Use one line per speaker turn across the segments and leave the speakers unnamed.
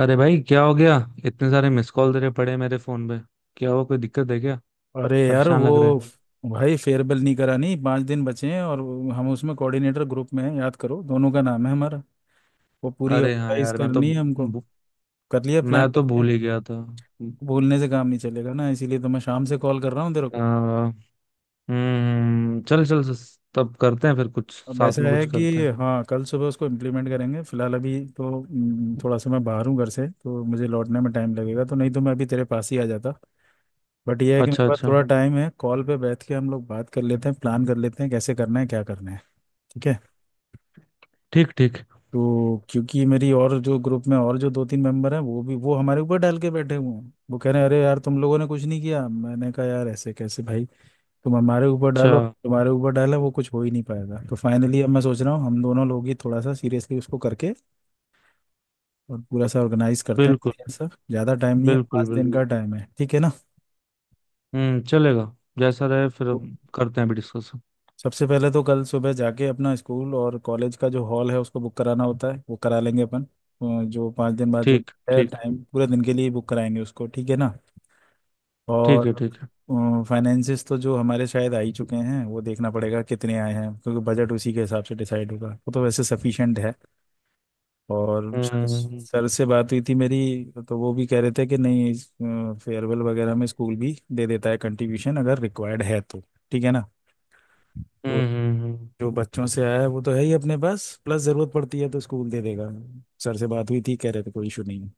अरे भाई क्या हो गया। इतने सारे मिस कॉल तेरे पड़े हैं मेरे फोन पे। क्या हुआ? कोई दिक्कत है क्या?
अरे यार
परेशान
वो
लग रहा है।
भाई फेयरवेल नहीं करानी। 5 दिन बचे हैं और हम उसमें कोऑर्डिनेटर ग्रुप में हैं। याद करो, दोनों का नाम है हमारा। वो पूरी
अरे हाँ
ऑर्गेनाइज
यार,
करनी है हमको। कर लिया प्लान
मैं
कर
तो
लिया?
भूल ही गया था।
भूलने से काम नहीं चलेगा ना, इसीलिए तो मैं शाम से कॉल कर रहा हूँ तेरे
आ,
को।
हम्म, चल चल तब करते हैं फिर कुछ।
अब
साथ
ऐसा
में कुछ
है
करते
कि
हैं।
हाँ, कल सुबह उसको इम्प्लीमेंट करेंगे। फिलहाल अभी तो थोड़ा सा मैं बाहर हूँ घर से, तो मुझे लौटने में टाइम लगेगा। तो नहीं तो मैं अभी तेरे पास ही आ जाता। बट यह है कि मेरे
अच्छा
पास
अच्छा।
थोड़ा टाइम है, कॉल पे बैठ के हम लोग बात कर लेते हैं, प्लान कर लेते हैं कैसे करना है क्या करना है। ठीक है।
ठीक ठीक।
तो क्योंकि मेरी, और जो ग्रुप में और जो दो तीन मेंबर हैं, वो भी वो हमारे ऊपर डाल के बैठे हुए हैं। वो कह रहे हैं अरे यार, तुम लोगों ने कुछ नहीं किया। मैंने कहा यार, ऐसे कैसे भाई, तुम हमारे ऊपर
अच्छा।
डालो तुम्हारे ऊपर डाला, वो कुछ हो ही नहीं पाएगा। तो फाइनली अब मैं सोच रहा हूँ हम दोनों लोग ही थोड़ा सा सीरियसली उसको करके और पूरा सा ऑर्गेनाइज करते हैं
बिल्कुल।
बढ़िया सा। ज़्यादा टाइम नहीं है,
बिल्कुल
5 दिन का
बिल्कुल।
टाइम है, ठीक है ना?
हम्म, चलेगा। जैसा रहे फिर
तो
हम करते हैं अभी डिस्कस।
सबसे पहले तो कल सुबह जाके अपना स्कूल और कॉलेज का जो हॉल है उसको बुक कराना होता है, वो करा लेंगे अपन। जो 5 दिन बाद जो
ठीक
है
ठीक।
टाइम, पूरे दिन के लिए बुक कराएंगे उसको, ठीक है ना।
ठीक है
और
ठीक है।
फाइनेंसिस तो जो हमारे शायद आ ही चुके हैं, वो देखना पड़ेगा कितने आए हैं क्योंकि बजट उसी के हिसाब से डिसाइड होगा। वो तो वैसे सफिशिएंट है। और सर
हम्म।
सर से बात हुई थी मेरी। तो वो भी कह रहे थे कि नहीं, फेयरवेल वगैरह में स्कूल भी दे देता है कंट्रीब्यूशन अगर रिक्वायर्ड है तो। ठीक है ना। तो
हम्म हम्म।
जो बच्चों से आया है वो तो है ही अपने पास, प्लस जरूरत पड़ती है तो स्कूल दे देगा। सर से बात हुई थी, कह रहे थे कोई इशू नहीं है।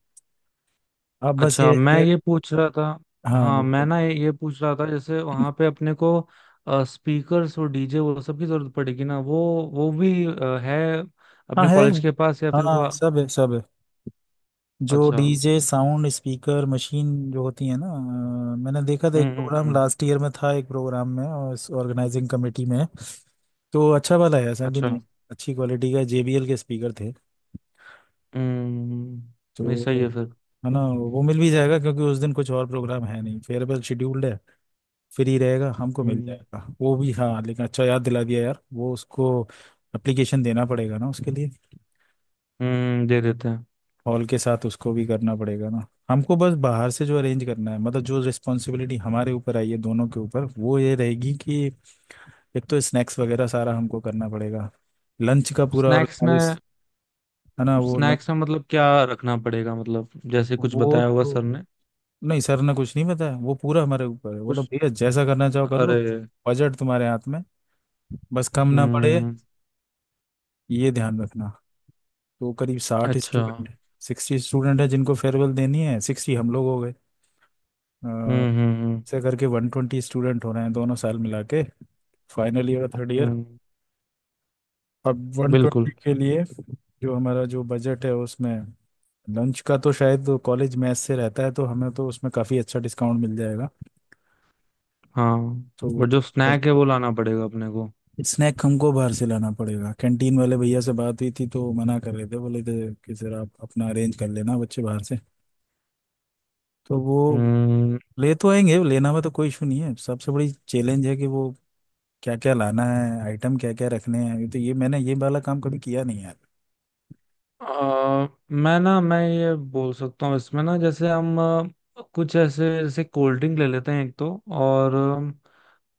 अब बस ये
अच्छा, मैं
है।
ये पूछ रहा था।
हाँ
हाँ मैं
बिल्कुल।
ना ये पूछ रहा था जैसे वहां पे अपने को स्पीकर्स और डीजे वो सब की जरूरत पड़ेगी ना वो। वो भी है,
हाँ
अपने
है।
कॉलेज के पास या फिर
हाँ
वो।
सब है सब है। जो
अच्छा।
डीजे साउंड स्पीकर मशीन जो होती है ना, मैंने देखा था, एक प्रोग्राम
हम्म।
लास्ट ईयर में था, एक प्रोग्राम में और इस ऑर्गेनाइजिंग कमेटी में। तो अच्छा वाला है, ऐसा भी
अच्छा।
नहीं है। अच्छी क्वालिटी का जेबीएल के स्पीकर थे।
हम्म, नहीं सही
तो
है फिर।
है ना, वो मिल भी जाएगा क्योंकि उस दिन कुछ और प्रोग्राम है नहीं, फेयरवेल शेड्यूल्ड है। फ्री रहेगा, हमको मिल
हम्म।
जाएगा वो भी। हाँ लेकिन अच्छा याद दिला दिया यार, वो उसको एप्लीकेशन देना पड़ेगा ना उसके लिए।
हम्म, दे देते हैं।
हॉल के साथ उसको भी करना पड़ेगा ना हमको। बस बाहर से जो अरेंज करना है, मतलब जो रिस्पॉन्सिबिलिटी हमारे ऊपर आई है दोनों के ऊपर, वो ये रहेगी कि एक तो स्नैक्स वगैरह सारा हमको करना पड़ेगा, लंच का पूरा
स्नैक्स
ऑर्गेनाइज।
में।
है ना, वो लंच।
स्नैक्स में मतलब क्या रखना पड़ेगा? मतलब जैसे कुछ
वो
बताया होगा
तो
सर ने।
नहीं, सर ने कुछ नहीं बताया, वो पूरा हमारे ऊपर है। बोलो
कुछ।
भैया जैसा करना चाहो कर लो,
अरे।
बजट तुम्हारे हाथ में, बस कम ना पड़े
हम्म।
ये ध्यान रखना। तो करीब साठ
अच्छा।
स्टूडेंट 60 स्टूडेंट है जिनको फेयरवेल देनी है, 60 हम लोग हो गए। अ,
हम्म हम्म हम्म
ऐसे करके 120 स्टूडेंट हो रहे हैं दोनों साल मिला के, फाइनल ईयर और थर्ड ईयर।
हम्म।
अब 120
बिल्कुल
के लिए जो हमारा जो बजट है उसमें, लंच का तो शायद कॉलेज मेस से रहता है तो हमें तो उसमें काफ़ी अच्छा डिस्काउंट मिल जाएगा।
हाँ।
तो वो
बट
तो।
जो
फिर
स्नैक है वो लाना पड़ेगा अपने को।
स्नैक हमको बाहर से लाना पड़ेगा। कैंटीन वाले भैया से बात हुई थी तो मना कर रहे थे, बोले थे कि सर आप अपना अरेंज कर लेना, बच्चे बाहर से। तो वो
हम्म।
ले तो आएंगे, लेना में तो कोई इशू नहीं है। सबसे बड़ी चैलेंज है कि वो क्या क्या लाना है, आइटम क्या क्या रखने हैं। ये मैंने ये वाला काम कभी किया नहीं है यार।
मैं ना मैं ये बोल सकता हूँ इसमें ना, जैसे हम कुछ ऐसे, जैसे कोल्ड ड्रिंक ले लेते हैं एक तो, और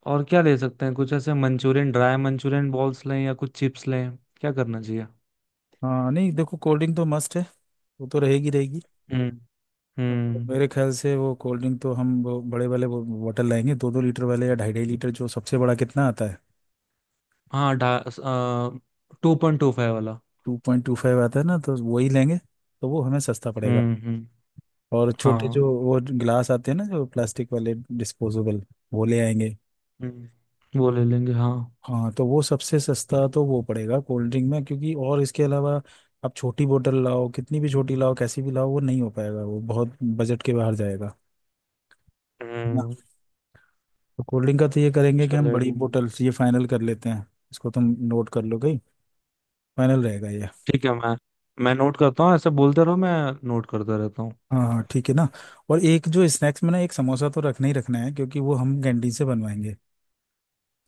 और क्या ले सकते हैं? कुछ ऐसे मंचूरियन, ड्राई मंचूरियन बॉल्स लें या कुछ चिप्स लें, क्या करना चाहिए?
हाँ नहीं, देखो कोल्ड ड्रिंक तो मस्ट है, वो तो रहेगी रहेगी।
हम्म।
और
हम्म।
मेरे ख्याल से वो कोल्ड ड्रिंक तो हम वो बड़े वाले वो बॉटल लाएंगे, 2-2 लीटर वाले या 2.5-2.5 लीटर, जो सबसे बड़ा कितना आता है।
हाँ ढा 2.25 वाला।
2.25 आता है ना, तो वही लेंगे, तो वो हमें सस्ता पड़ेगा।
हम्म।
और छोटे
हाँ।
जो वो ग्लास आते हैं ना, जो प्लास्टिक वाले डिस्पोजेबल, वो ले आएंगे।
हम्म, वो ले लेंगे हाँ।
हाँ, तो वो सबसे सस्ता तो वो पड़ेगा कोल्ड ड्रिंक में। क्योंकि और इसके अलावा आप छोटी बोतल लाओ, कितनी भी छोटी लाओ, कैसी भी लाओ, वो नहीं हो पाएगा, वो बहुत बजट के बाहर जाएगा ना।
हम्म,
तो कोल्ड ड्रिंक का तो ये करेंगे कि हम बड़ी
चलेगा।
बोतल, ये फाइनल कर लेते हैं इसको। तुम नोट कर लो गई, फाइनल रहेगा ये।
ठीक है। मैं नोट करता हूँ, ऐसे बोलते रहो, मैं नोट करता रहता हूँ।
हाँ हाँ ठीक है ना। और एक जो स्नैक्स में ना, एक समोसा तो रखना ही रखना है क्योंकि वो हम कैंटीन से बनवाएंगे।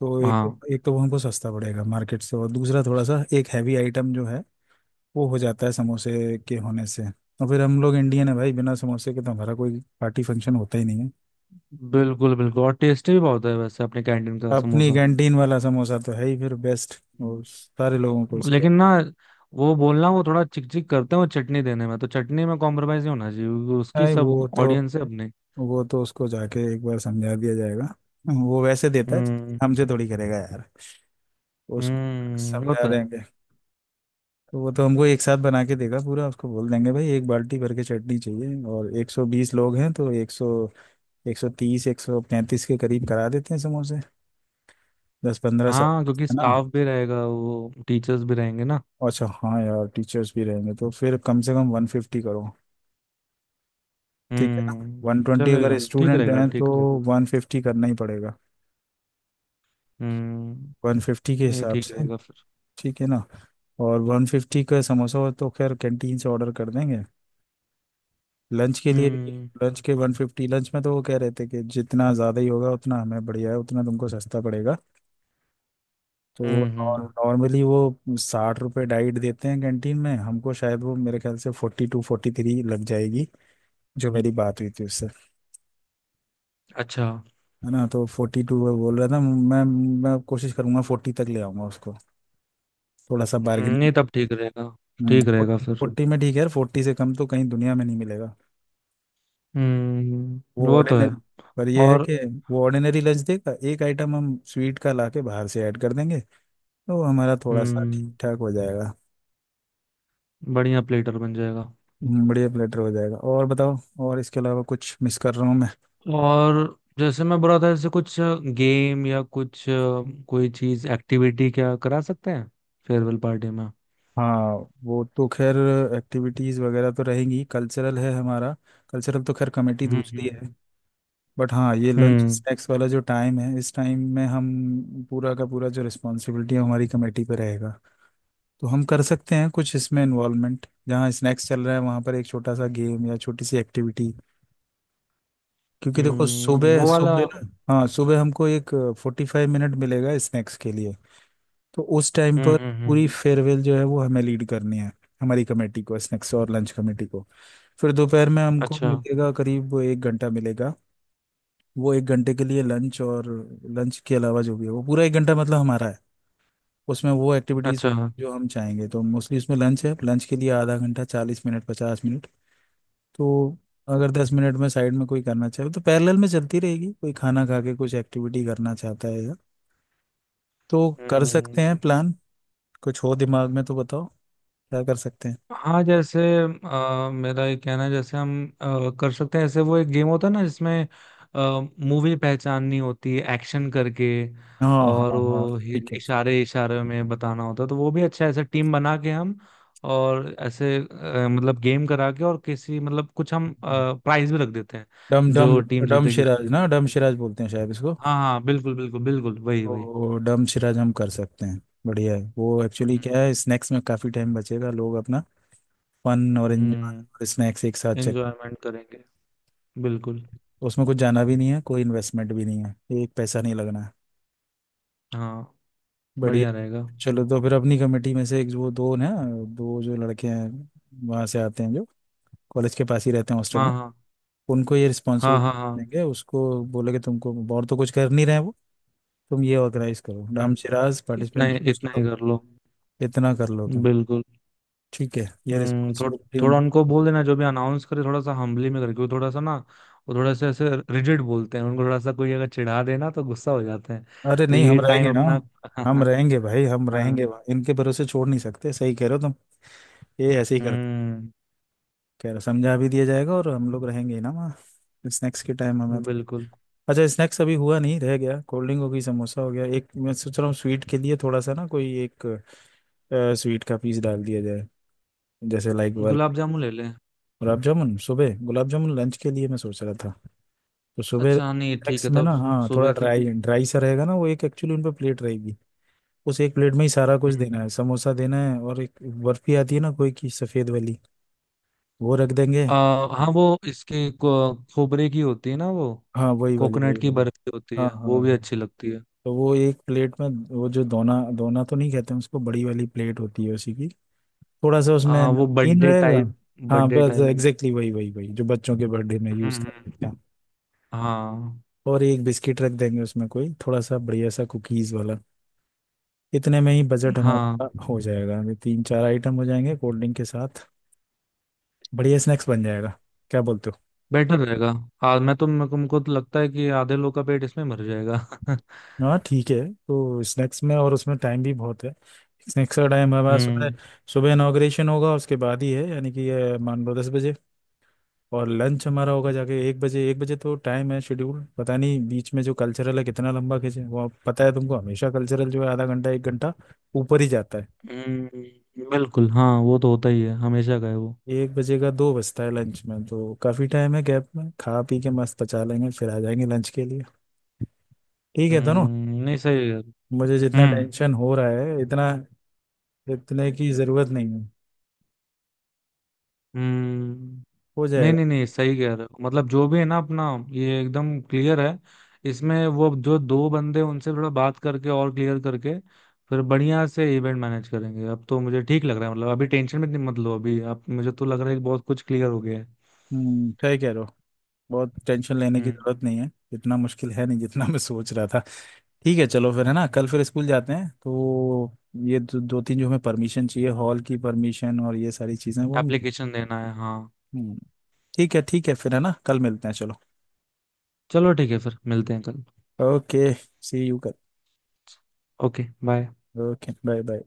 तो एक,
हाँ
एक तो वो हमको सस्ता पड़ेगा मार्केट से, और दूसरा थोड़ा सा एक हैवी आइटम जो है वो हो जाता है समोसे के होने से। और फिर हम लोग इंडियन है भाई, बिना समोसे के तो हमारा कोई पार्टी फंक्शन होता ही नहीं है।
बिल्कुल बिल्कुल। और टेस्टी भी बहुत है वैसे अपने कैंटीन का
अपनी
समोसा।
कैंटीन वाला समोसा तो है ही फिर बेस्ट। और सारे लोगों को
हम्म।
उसकी।
लेकिन ना वो बोलना, वो थोड़ा चिक चिक करते हैं वो चटनी देने में, तो चटनी में कॉम्प्रोमाइज नहीं होना चाहिए क्योंकि उसकी
भाई वो
सब
तो
ऑडियंस है अपने।
वो तो उसको जाके एक बार समझा दिया जाएगा, वो वैसे देता है,
हम्म
हमसे थोड़ी करेगा यार। उसको
हम्म, ये
समझा
होता है।
देंगे। तो वो तो हमको एक साथ बना के देगा पूरा। उसको बोल देंगे भाई एक बाल्टी भर के चटनी चाहिए, और 120 लोग हैं तो 100, 130, 135 के करीब करा देते हैं समोसे, दस पंद्रह सब।
हाँ क्योंकि
है ना?
स्टाफ भी रहेगा, वो टीचर्स भी रहेंगे ना।
अच्छा हाँ यार, टीचर्स भी रहेंगे तो फिर कम से कम 150 करो, ठीक है ना।
हम्म।
120 अगर
चलेगा, ठीक
स्टूडेंट
रहेगा
हैं तो
ठीक रहेगा।
150 करना ही पड़ेगा।
हम्म।
150 के
नहीं,
हिसाब
ठीक
से,
रहेगा फिर।
ठीक है ना। और 150 का समोसा हो तो खैर कैंटीन से ऑर्डर कर देंगे। लंच के लिए भी,
हम्म
लंच के 150। लंच में तो वो कह रहे थे कि जितना ज़्यादा ही होगा उतना हमें बढ़िया है, उतना तुमको सस्ता पड़ेगा। तो
हम्म।
नॉर्मली वो 60 रुपये डाइट देते हैं कैंटीन में, हमको शायद वो मेरे ख्याल से 42-43 लग जाएगी, जो मेरी बात हुई थी उससे।
अच्छा।
है ना, तो 42 बोल रहा था मैं। मैं कोशिश करूंगा 40 तक ले आऊंगा उसको, थोड़ा सा बार्गेनिंग।
नहीं तब ठीक रहेगा। ठीक
हम्म।
रहेगा फिर।
40 में ठीक है यार, 40 से कम तो कहीं दुनिया में नहीं मिलेगा।
हम्म,
वो
वो तो है।
ऑर्डिनरी, पर ये है
और
कि वो ऑर्डिनरी लंच देगा, एक आइटम हम स्वीट का लाके बाहर से ऐड कर देंगे, तो हमारा थोड़ा सा ठीक
हम्म,
ठाक हो जाएगा।
बढ़िया प्लेटर बन जाएगा।
बढ़िया प्लेटर हो जाएगा। और बताओ, और इसके अलावा कुछ मिस कर रहा हूँ मैं?
और जैसे मैं बोला था, जैसे कुछ गेम या कुछ कोई चीज एक्टिविटी क्या करा सकते हैं फेयरवेल पार्टी में?
हाँ, वो तो खैर एक्टिविटीज़ वगैरह तो रहेंगी, कल्चरल है हमारा। कल्चरल तो खैर कमेटी
हम्म
दूसरी
हम्म
है। बट हाँ, ये लंच
हम्म।
स्नैक्स वाला जो टाइम है, इस टाइम में हम पूरा का पूरा जो रिस्पॉन्सिबिलिटी है हमारी कमेटी पे रहेगा। तो हम कर सकते हैं कुछ इसमें इन्वॉल्वमेंट, जहाँ स्नैक्स चल रहा है वहाँ पर एक छोटा सा गेम या छोटी सी एक्टिविटी। क्योंकि देखो सुबह
वो वाला।
सुबह ना, हाँ सुबह हमको एक 45 मिनट मिलेगा स्नैक्स के लिए। तो उस टाइम पर
हम्म।
पूरी फेयरवेल जो है वो हमें लीड करनी है, हमारी कमेटी को, स्नैक्स और लंच कमेटी को। फिर दोपहर में हमको
अच्छा।
मिलेगा करीब एक घंटा मिलेगा। वो एक घंटे के लिए लंच, और लंच के अलावा जो भी है वो पूरा एक घंटा मतलब हमारा है। उसमें वो एक्टिविटीज़
अच्छा।
जो हम चाहेंगे, तो मोस्टली उसमें लंच है, लंच के लिए आधा घंटा, 40 मिनट, 50 मिनट। तो अगर 10 मिनट में साइड में कोई करना चाहे तो पैरेलल में चलती रहेगी, कोई खाना खा के कुछ एक्टिविटी करना चाहता है या। तो कर सकते हैं
हम्म।
प्लान। कुछ हो दिमाग में तो बताओ क्या कर सकते हैं।
हाँ जैसे मेरा ये कहना है, जैसे हम कर सकते हैं ऐसे, वो एक गेम होता है ना जिसमें मूवी पहचाननी होती है एक्शन करके,
हाँ
और
हाँ हाँ
वो
ठीक है।
इशारे इशारे में बताना होता है। तो वो भी अच्छा है, ऐसे टीम बना के हम। और ऐसे मतलब गेम करा के, और किसी मतलब कुछ हम प्राइज भी रख देते हैं
डम डम
जो टीम
डम
जीतेगी उसके
शिराज
लिए कुछ।
ना, डम शिराज बोलते हैं शायद इसको।
हाँ हाँ बिल्कुल बिल्कुल बिल्कुल, वही वही।
तो डम शिरा हम कर सकते हैं। बढ़िया है वो एक्चुअली।
हम्म
क्या है, स्नैक्स में काफ़ी टाइम बचेगा, लोग अपना फन और एंजॉय और
हम्म,
स्नैक्स एक साथ चेक।
एंजॉयमेंट करेंगे। बिल्कुल।
उसमें कुछ जाना भी नहीं है, कोई इन्वेस्टमेंट भी नहीं है, एक पैसा नहीं लगना है।
हाँ,
बढ़िया।
बढ़िया रहेगा।
चलो तो फिर अपनी कमेटी में से एक वो दो ना, दो जो लड़के हैं, वहाँ से आते हैं जो कॉलेज के पास ही रहते हैं हॉस्टल
हाँ
में,
हाँ
उनको ये
हाँ। हाँ
रिस्पॉन्सिबिलिटी
हाँ।
देंगे उसको। बोलेंगे तुमको और तो कुछ कर नहीं रहे हैं वो, तुम ये ऑर्गेनाइज करो, डम
हम्म,
शिराज पार्टिसिपेंट चूज
इतना ही
करो,
कर लो।
इतना कर लो तुम।
बिल्कुल।
ठीक है, ये
हम्म थो,
रिस्पॉन्सिबिलिटी
थोड़ा उनको
उनको।
बोल देना जो भी अनाउंस करे थोड़ा सा हम्बली में करके, वो थोड़ा सा ना, वो थोड़ा सा ऐसे रिजिड बोलते हैं उनको, थोड़ा सा कोई अगर चिढ़ा देना तो गुस्सा हो जाते हैं।
अरे
तो
नहीं
ये
हम रहेंगे
टाइम
ना।
अपना
हम रहेंगे भाई, हम
हाँ।
रहेंगे भाई, इनके भरोसे छोड़ नहीं सकते, सही कह रहे हो तुम। ये ऐसे ही करते,
हम्म।
कह रहे समझा भी दिया जाएगा। और हम लोग रहेंगे ही ना वहाँ स्नैक्स के टाइम, हमें तो।
बिल्कुल।
अच्छा, स्नैक्स अभी हुआ नहीं, रह गया। कोल्ड ड्रिंक हो गई, समोसा हो गया, एक मैं सोच रहा हूँ स्वीट के लिए, थोड़ा सा ना कोई एक स्वीट का पीस डाल दिया जाए, जैसे लाइक वर्क।
गुलाब जामुन ले लें।
गुलाब जामुन? सुबह गुलाब जामुन? लंच के लिए मैं सोच रहा था। तो सुबह
अच्छा नहीं ठीक
स्नैक्स
है
में
तब।
ना, हाँ थोड़ा
सुबह क्या?
ड्राई ड्राई सा रहेगा ना वो एक। एक्चुअली उन पर प्लेट रहेगी, उस एक प्लेट में ही सारा कुछ
हम्म।
देना है। समोसा देना है और एक बर्फी आती है ना कोई की सफेद वाली, वो रख देंगे।
आ, हाँ वो खोबरे की होती है ना वो,
हाँ वही वाली वही
कोकोनट की
वाली।
बर्फी होती
हाँ
है,
हाँ
वो भी
हाँ।
अच्छी लगती है।
तो वो एक प्लेट में, वो जो दोना दोना तो नहीं कहते हैं उसको, बड़ी वाली प्लेट होती है उसी की। थोड़ा सा उसमें
वो
नमकीन
बर्थडे
रहेगा।
टाइप।
हाँ
बर्थडे
बस
टाइप।
एग्जैक्टली वही वही वही, जो बच्चों के बर्थडे में यूज कर
हम्म।
लेते हैं।
हाँ
और एक बिस्किट रख देंगे उसमें, कोई थोड़ा सा बढ़िया सा कुकीज वाला। इतने में ही बजट
हाँ।
हमारा हो जाएगा, ये तीन चार आइटम हो जाएंगे कोल्ड ड्रिंक के साथ। बढ़िया स्नैक्स बन जाएगा, क्या बोलते हो?
बेटर रहेगा। आज मैं तो मेरे को तो लगता है कि आधे लोग का पेट इसमें भर जाएगा
हाँ ठीक है। तो स्नैक्स में और उसमें टाइम भी बहुत है। स्नैक्स का टाइम हमारा सुबह,
हम्म
सुबह इनाग्रेशन होगा उसके बाद ही है, यानी कि ये मान लो 10 बजे। और लंच हमारा होगा जाके 1 बजे, 1 बजे तो टाइम है। शेड्यूल पता नहीं, बीच में जो कल्चरल है कितना लंबा खींचे वो, पता है तुमको हमेशा कल्चरल जो है आधा घंटा एक घंटा ऊपर ही जाता है।
बिल्कुल हाँ, वो तो होता ही है हमेशा का है वो।
एक बजे का दो बजता है लंच में, तो काफ़ी टाइम है गैप में, खा पी के मस्त पचा लेंगे, फिर आ जाएंगे लंच के लिए। ठीक है दोनों।
हम्म, नहीं सही है।
मुझे जितना
हम्म
टेंशन हो रहा है, इतना इतने की ज़रूरत नहीं है,
हम्म।
हो
नहीं नहीं
जाएगा।
नहीं, सही कह रहे हो। मतलब जो भी है ना अपना, ये एकदम क्लियर है। इसमें वो जो दो बंदे उनसे थोड़ा बात करके और क्लियर करके फिर बढ़िया से इवेंट मैनेज करेंगे। अब तो मुझे ठीक लग रहा है, मतलब अभी टेंशन में इतनी मत लो अभी। अब मुझे तो लग रहा है कि बहुत कुछ क्लियर हो गया है।
हम्म, सही कह रहे हो। बहुत टेंशन लेने की
हम्म।
जरूरत नहीं है, इतना मुश्किल है नहीं जितना मैं सोच रहा था। ठीक है चलो, फिर है ना कल फिर स्कूल जाते हैं तो ये दो, दो तीन जो हमें परमिशन चाहिए हॉल की परमिशन और ये सारी चीजें वो हम।
एप्लीकेशन देना है हाँ।
हम्म, ठीक है ठीक है, फिर है ना कल मिलते हैं। चलो,
चलो ठीक है फिर मिलते हैं कल।
ओके। सी यू कल।
Okay bye.
Okay bye bye.